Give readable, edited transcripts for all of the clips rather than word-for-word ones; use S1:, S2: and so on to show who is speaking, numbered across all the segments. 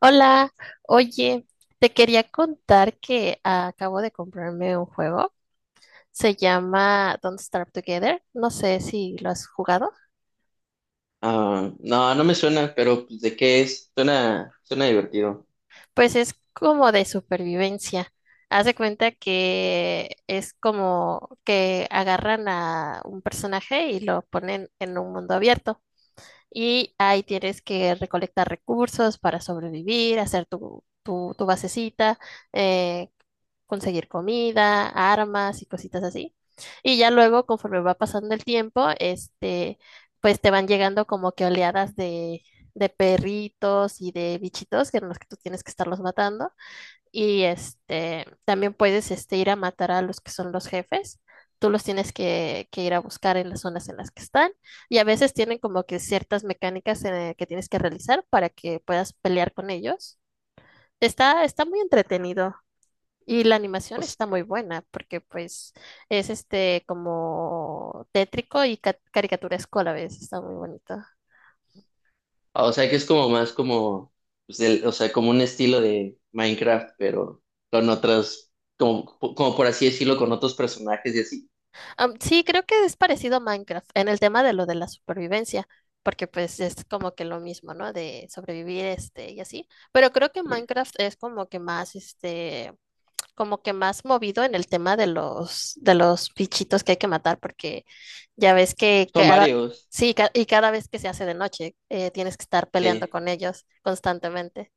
S1: Hola, oye, te quería contar que acabo de comprarme un juego. Se llama Don't Starve Together. No sé si lo has jugado.
S2: Ah, no, no me suena, pero pues, ¿de qué es? Suena divertido.
S1: Pues es como de supervivencia. Haz de cuenta que es como que agarran a un personaje y lo ponen en un mundo abierto. Y ahí tienes que recolectar recursos para sobrevivir, hacer tu basecita, eh, conseguir comida, armas y cositas así. Y ya luego, conforme va pasando el tiempo, pues te van llegando como que oleadas de perritos y de bichitos que en los que tú tienes que estarlos matando. Y también puedes ir a matar a los que son los jefes. Tú los tienes que ir a buscar en las zonas en las que están. Y a veces tienen como que ciertas mecánicas que tienes que realizar para que puedas pelear con ellos. Está muy entretenido. Y la
S2: O
S1: animación
S2: s-
S1: está muy buena porque pues es este como tétrico y caricaturesco a la vez. Está muy bonito.
S2: o sea, que es como más como, pues, o sea, como un estilo de Minecraft, pero con otras, como por así decirlo, con otros personajes y así.
S1: Sí, creo que es parecido a Minecraft en el tema de lo de la supervivencia, porque pues es como que lo mismo, ¿no? De sobrevivir este y así, pero creo que Minecraft es como que más este como que más movido en el tema de los bichitos que hay que matar porque ya ves que
S2: Son
S1: cada
S2: varios,
S1: sí, y cada vez que se hace de noche tienes que estar peleando
S2: sí,
S1: con ellos constantemente.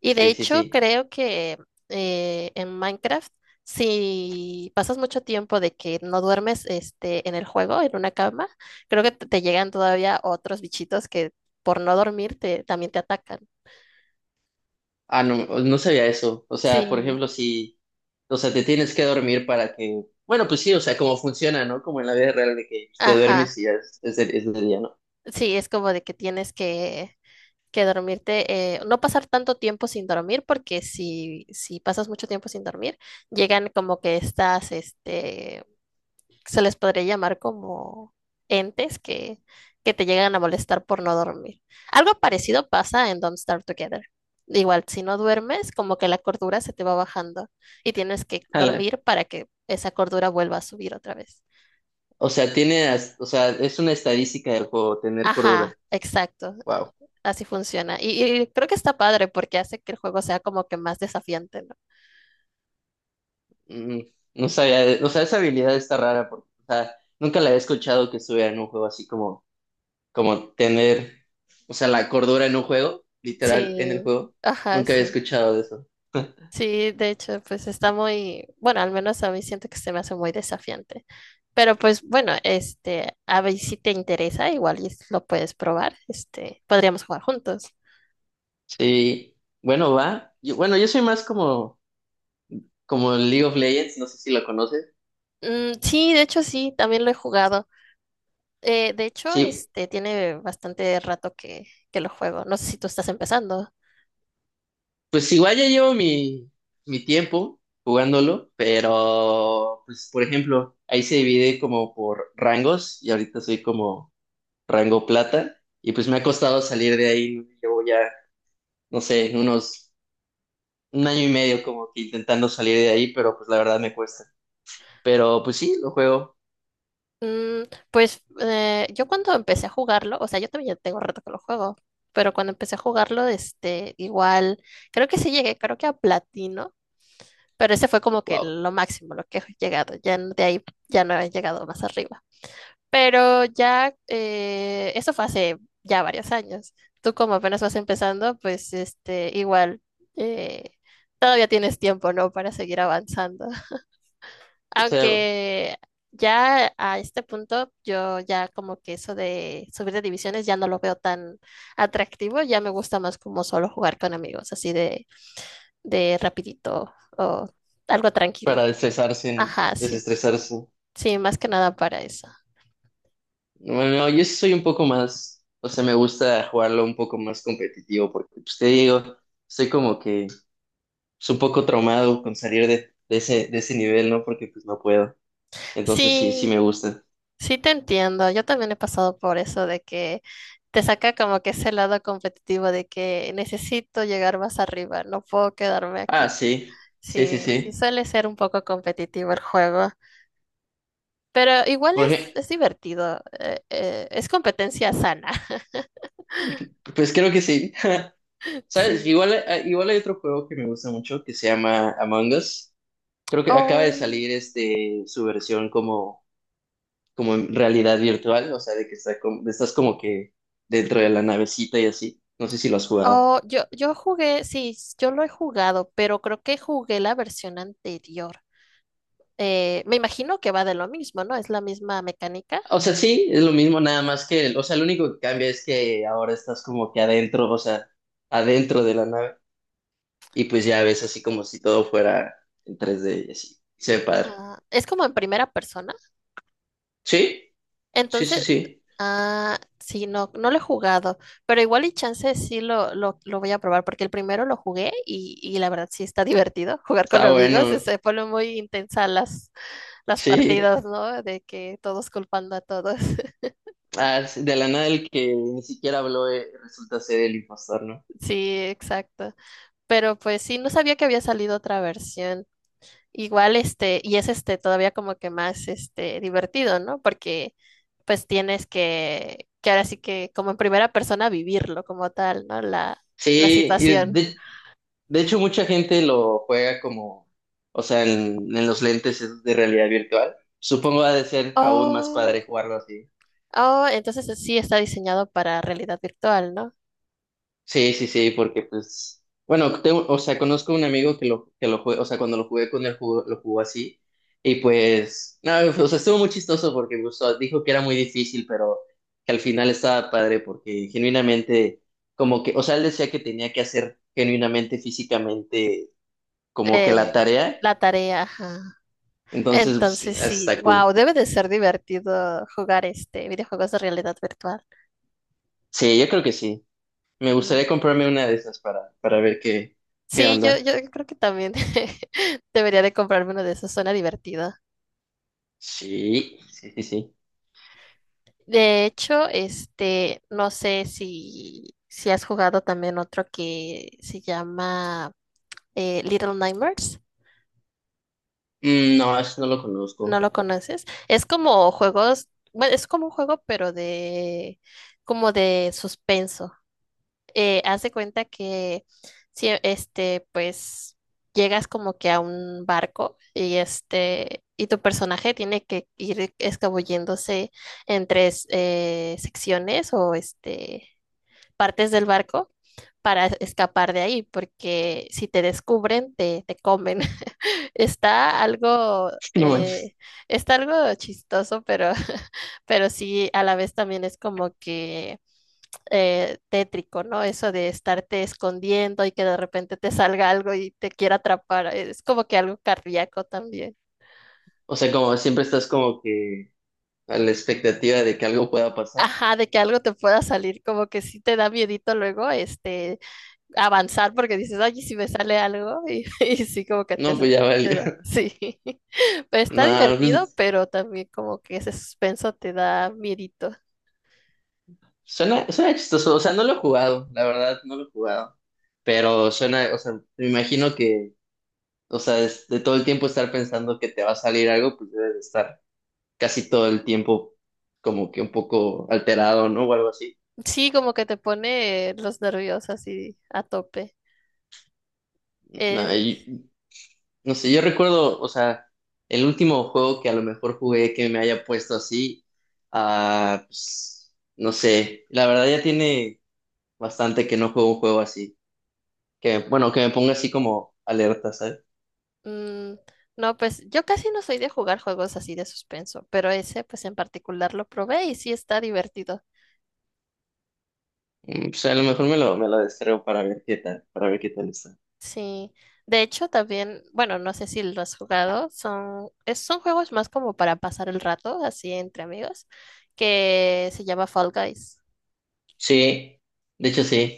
S1: Y de
S2: sí, sí,
S1: hecho,
S2: sí.
S1: creo que en Minecraft, si pasas mucho tiempo de que no duermes este, en el juego, en una cama, creo que te llegan todavía otros bichitos que por no dormir te, también te atacan.
S2: Ah, no, no sabía eso. O sea, por
S1: Sí,
S2: ejemplo, si, o sea, te tienes que dormir para que, bueno, pues sí, o sea, como funciona, ¿no? Como en la vida real de que te
S1: ajá.
S2: duermes y ya es de día, ¿no?
S1: Sí, es como de que que dormirte, no pasar tanto tiempo sin dormir, porque si pasas mucho tiempo sin dormir, llegan como que estás, este, se les podría llamar como entes que te llegan a molestar por no dormir. Algo parecido pasa en Don't Starve Together. Igual, si no duermes, como que la cordura se te va bajando y tienes que dormir para que esa cordura vuelva a subir otra vez.
S2: O sea, o sea, es una estadística del juego tener cordura.
S1: Ajá, exacto.
S2: Wow.
S1: Así funciona. Y creo que está padre porque hace que el juego sea como que más desafiante, ¿no?
S2: Mm, no sabía, o sea, esa habilidad está rara porque, o sea, nunca la había escuchado que estuviera en un juego así como, como tener, o sea, la cordura en un juego, literal, en el
S1: Sí,
S2: juego.
S1: ajá,
S2: Nunca había
S1: sí.
S2: escuchado de eso.
S1: Sí, de hecho, pues está muy, bueno, al menos a mí siento que se me hace muy desafiante. Pero pues bueno, a ver si te interesa, igual y lo puedes probar, podríamos jugar juntos.
S2: Sí, bueno, va. Bueno, yo soy más como, como League of Legends, no sé si lo conoces.
S1: Mm, sí, de hecho sí, también lo he jugado. De hecho,
S2: Sí,
S1: tiene bastante rato que lo juego. No sé si tú estás empezando.
S2: pues igual ya llevo mi tiempo jugándolo, pero pues por ejemplo, ahí se divide como por rangos y ahorita soy como rango plata y pues me ha costado salir de ahí, llevo ya, no sé, unos un año y medio como que intentando salir de ahí, pero pues la verdad me cuesta. Pero pues sí, lo juego,
S1: Mm, pues yo cuando empecé a jugarlo, o sea, yo también ya tengo rato que lo juego, pero cuando empecé a jugarlo, igual, creo que sí llegué, creo que a platino, pero ese fue como que
S2: wow,
S1: lo máximo, lo que he llegado. Ya de ahí ya no he llegado más arriba. Pero ya, eso fue hace ya varios años. Tú como apenas vas empezando, pues igual, eh, todavía tienes tiempo, ¿no? Para seguir avanzando.
S2: o sea,
S1: Aunque ya a este punto, yo ya como que eso de subir de divisiones ya no lo veo tan atractivo, ya me gusta más como solo jugar con amigos, así de rapidito o algo tranquilo.
S2: para desestresarse, ¿no?
S1: Ajá, sí.
S2: Desestresarse.
S1: Sí, más que nada para eso.
S2: Bueno, no, yo sí soy un poco más, o sea, me gusta jugarlo un poco más competitivo porque pues te digo. Soy como que es un poco traumado con salir de ese nivel, ¿no? Porque pues no puedo. Entonces sí, sí
S1: Sí,
S2: me gusta.
S1: sí te entiendo, yo también he pasado por eso de que te saca como que ese lado competitivo de que necesito llegar más arriba, no puedo quedarme
S2: Ah,
S1: aquí.
S2: sí, sí, sí,
S1: Sí, sí
S2: sí.
S1: suele ser un poco competitivo el juego, pero igual
S2: Porque,
S1: es divertido, es competencia sana.
S2: pues creo que sí. ¿Sabes?
S1: Sí.
S2: Igual hay otro juego que me gusta mucho que se llama Among Us. Creo que acaba de
S1: Oh,
S2: salir este, su versión como, como en realidad virtual, o sea, de que está como, estás como que dentro de la navecita y así. No sé si lo has jugado.
S1: oh, yo jugué, sí, yo lo he jugado, pero creo que jugué la versión anterior. Me imagino que va de lo mismo, ¿no? Es la misma mecánica.
S2: O sea, sí, es lo mismo, nada más que, o sea, lo único que cambia es que ahora estás como que adentro, o sea, adentro de la nave, y pues ya ves así como si todo fuera en 3D y así. Se ve padre.
S1: Ah, es como en primera persona.
S2: Sí, sí, sí,
S1: Entonces,
S2: sí.
S1: ah, sí, no, no lo he jugado, pero igual y chance sí lo voy a probar, porque el primero lo jugué y la verdad sí está divertido jugar con
S2: Está
S1: los amigos,
S2: bueno.
S1: se pone muy intensas las
S2: Sí.
S1: partidas, ¿no? De que todos culpando a todos.
S2: Ah, sí, de la nada el que ni siquiera habló, resulta ser el impostor, ¿no?
S1: Sí, exacto. Pero pues sí, no sabía que había salido otra versión. Igual, este, y es este todavía como que más este divertido, ¿no? Porque pues tienes que ahora sí que como en primera persona vivirlo como tal, ¿no? La
S2: Sí, y
S1: situación.
S2: de hecho mucha gente lo juega como, o sea, en los lentes esos de realidad virtual. Supongo ha de ser aún más
S1: Oh,
S2: padre jugarlo así.
S1: oh, entonces sí está diseñado para realidad virtual, ¿no?
S2: Sí, sí, sí, porque pues, bueno, tengo, o sea, conozco un amigo que que lo jugué, o sea, cuando lo jugué con él lo jugó así, y pues, no, o sea, estuvo muy chistoso porque pues, o sea, dijo que era muy difícil, pero que al final estaba padre porque genuinamente, como que, o sea, él decía que tenía que hacer genuinamente, físicamente, como que la
S1: Eh,
S2: tarea,
S1: ajá.
S2: entonces, pues,
S1: Entonces sí,
S2: está cool.
S1: wow, debe de ser divertido jugar este videojuegos de realidad virtual.
S2: Sí, yo creo que sí. Me gustaría
S1: Mm.
S2: comprarme una de esas para ver qué, qué
S1: Sí,
S2: onda.
S1: yo creo que también debería de comprarme uno de esos, suena divertido.
S2: Sí, sí, sí, sí.
S1: De hecho, no sé si, si has jugado también otro que se llama Little Nightmares.
S2: No, eso no lo
S1: ¿No
S2: conozco.
S1: lo conoces? Es como juegos, bueno, es como un juego, pero de, como de suspenso. Haz de cuenta que, si, este, pues, llegas como que a un barco y este, y tu personaje tiene que ir escabulléndose entre secciones o este partes del barco para escapar de ahí, porque si te descubren, te comen. Está algo,
S2: No manches.
S1: eh, está algo chistoso, pero, pero sí, a la vez también es como que tétrico, ¿no? Eso de estarte escondiendo y que de repente te salga algo y te quiera atrapar, es como que algo cardíaco también.
S2: O sea, como siempre estás como que a la expectativa de que algo pueda pasar.
S1: Ajá, de que algo te pueda salir, como que sí te da miedito luego, avanzar porque dices, ay, ¿y si me sale algo, y sí, como que
S2: No, pues ya valió.
S1: te da, sí, pero está
S2: No,
S1: divertido,
S2: pues
S1: pero también como que ese suspenso te da miedito.
S2: suena, suena chistoso. O sea, no lo he jugado, la verdad, no lo he jugado. Pero suena, o sea, me imagino que, o sea, de todo el tiempo estar pensando que te va a salir algo, pues debes de estar casi todo el tiempo como que un poco alterado, ¿no? O algo así.
S1: Sí, como que te pone los nervios así a tope.
S2: No,
S1: Eh,
S2: no sé, yo recuerdo, o sea, el último juego que a lo mejor jugué que me haya puesto así, ah, pues, no sé, la verdad ya tiene bastante que no juego un juego así, que bueno, que me ponga así como alerta, ¿sabes?
S1: mm, no, pues yo casi no soy de jugar juegos así de suspenso, pero ese pues en particular lo probé y sí está divertido.
S2: Pues a lo mejor me lo descargo para ver qué tal, está.
S1: Sí, de hecho también, bueno, no sé si lo has jugado, son, son juegos más como para pasar el rato, así entre amigos, que se llama Fall Guys.
S2: Sí, de hecho sí,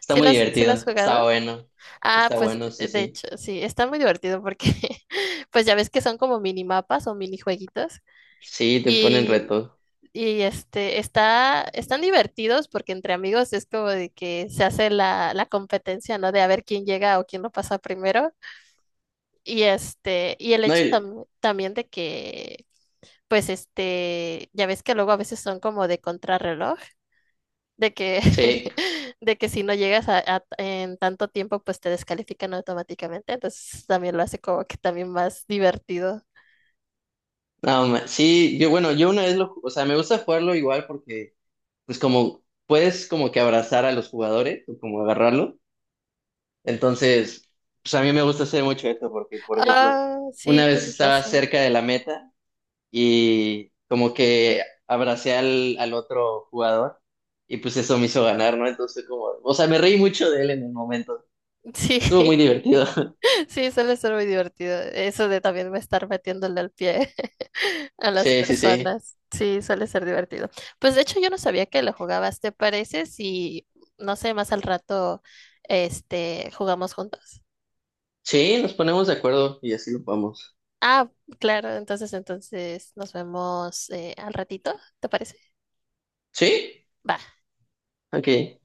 S2: está
S1: ¿Sí
S2: muy
S1: sí lo has
S2: divertido,
S1: jugado? Ah,
S2: está
S1: pues
S2: bueno, sí,
S1: de
S2: sí,
S1: hecho, sí, está muy divertido porque pues ya ves que son como minimapas o minijueguitos
S2: sí, te ponen
S1: y,
S2: retos.
S1: y está, están divertidos porque entre amigos es como de que se hace la competencia, ¿no? De a ver quién llega o quién lo pasa primero. Y y el
S2: No,
S1: hecho también de que, pues ya ves que luego a veces son como de contrarreloj, de que,
S2: sí.
S1: de que si no llegas en tanto tiempo, pues te descalifican automáticamente. Entonces también lo hace como que también más divertido.
S2: No, sí, yo bueno, yo una vez o sea, me gusta jugarlo igual porque pues como puedes como que abrazar a los jugadores o como agarrarlo. Entonces, pues a mí me gusta hacer mucho esto porque, por ejemplo,
S1: Ah, sí,
S2: una vez
S1: tienes
S2: estaba
S1: razón.
S2: cerca de la meta y como que abracé al otro jugador y pues eso me hizo ganar, ¿no? Entonces como, o sea, me reí mucho de él en el momento.
S1: Sí,
S2: Estuvo muy divertido.
S1: sí, suele ser muy divertido. Eso de también me estar metiéndole al pie a las
S2: Sí, sí, sí.
S1: personas. Sí, suele ser divertido. Pues de hecho yo no sabía que lo jugabas. ¿Te parece si, no sé, más al rato, jugamos juntos?
S2: Sí, nos ponemos de acuerdo y así lo vamos.
S1: Ah, claro, entonces, entonces nos vemos al ratito, ¿te parece?
S2: ¿Sí?
S1: Va.
S2: Ok.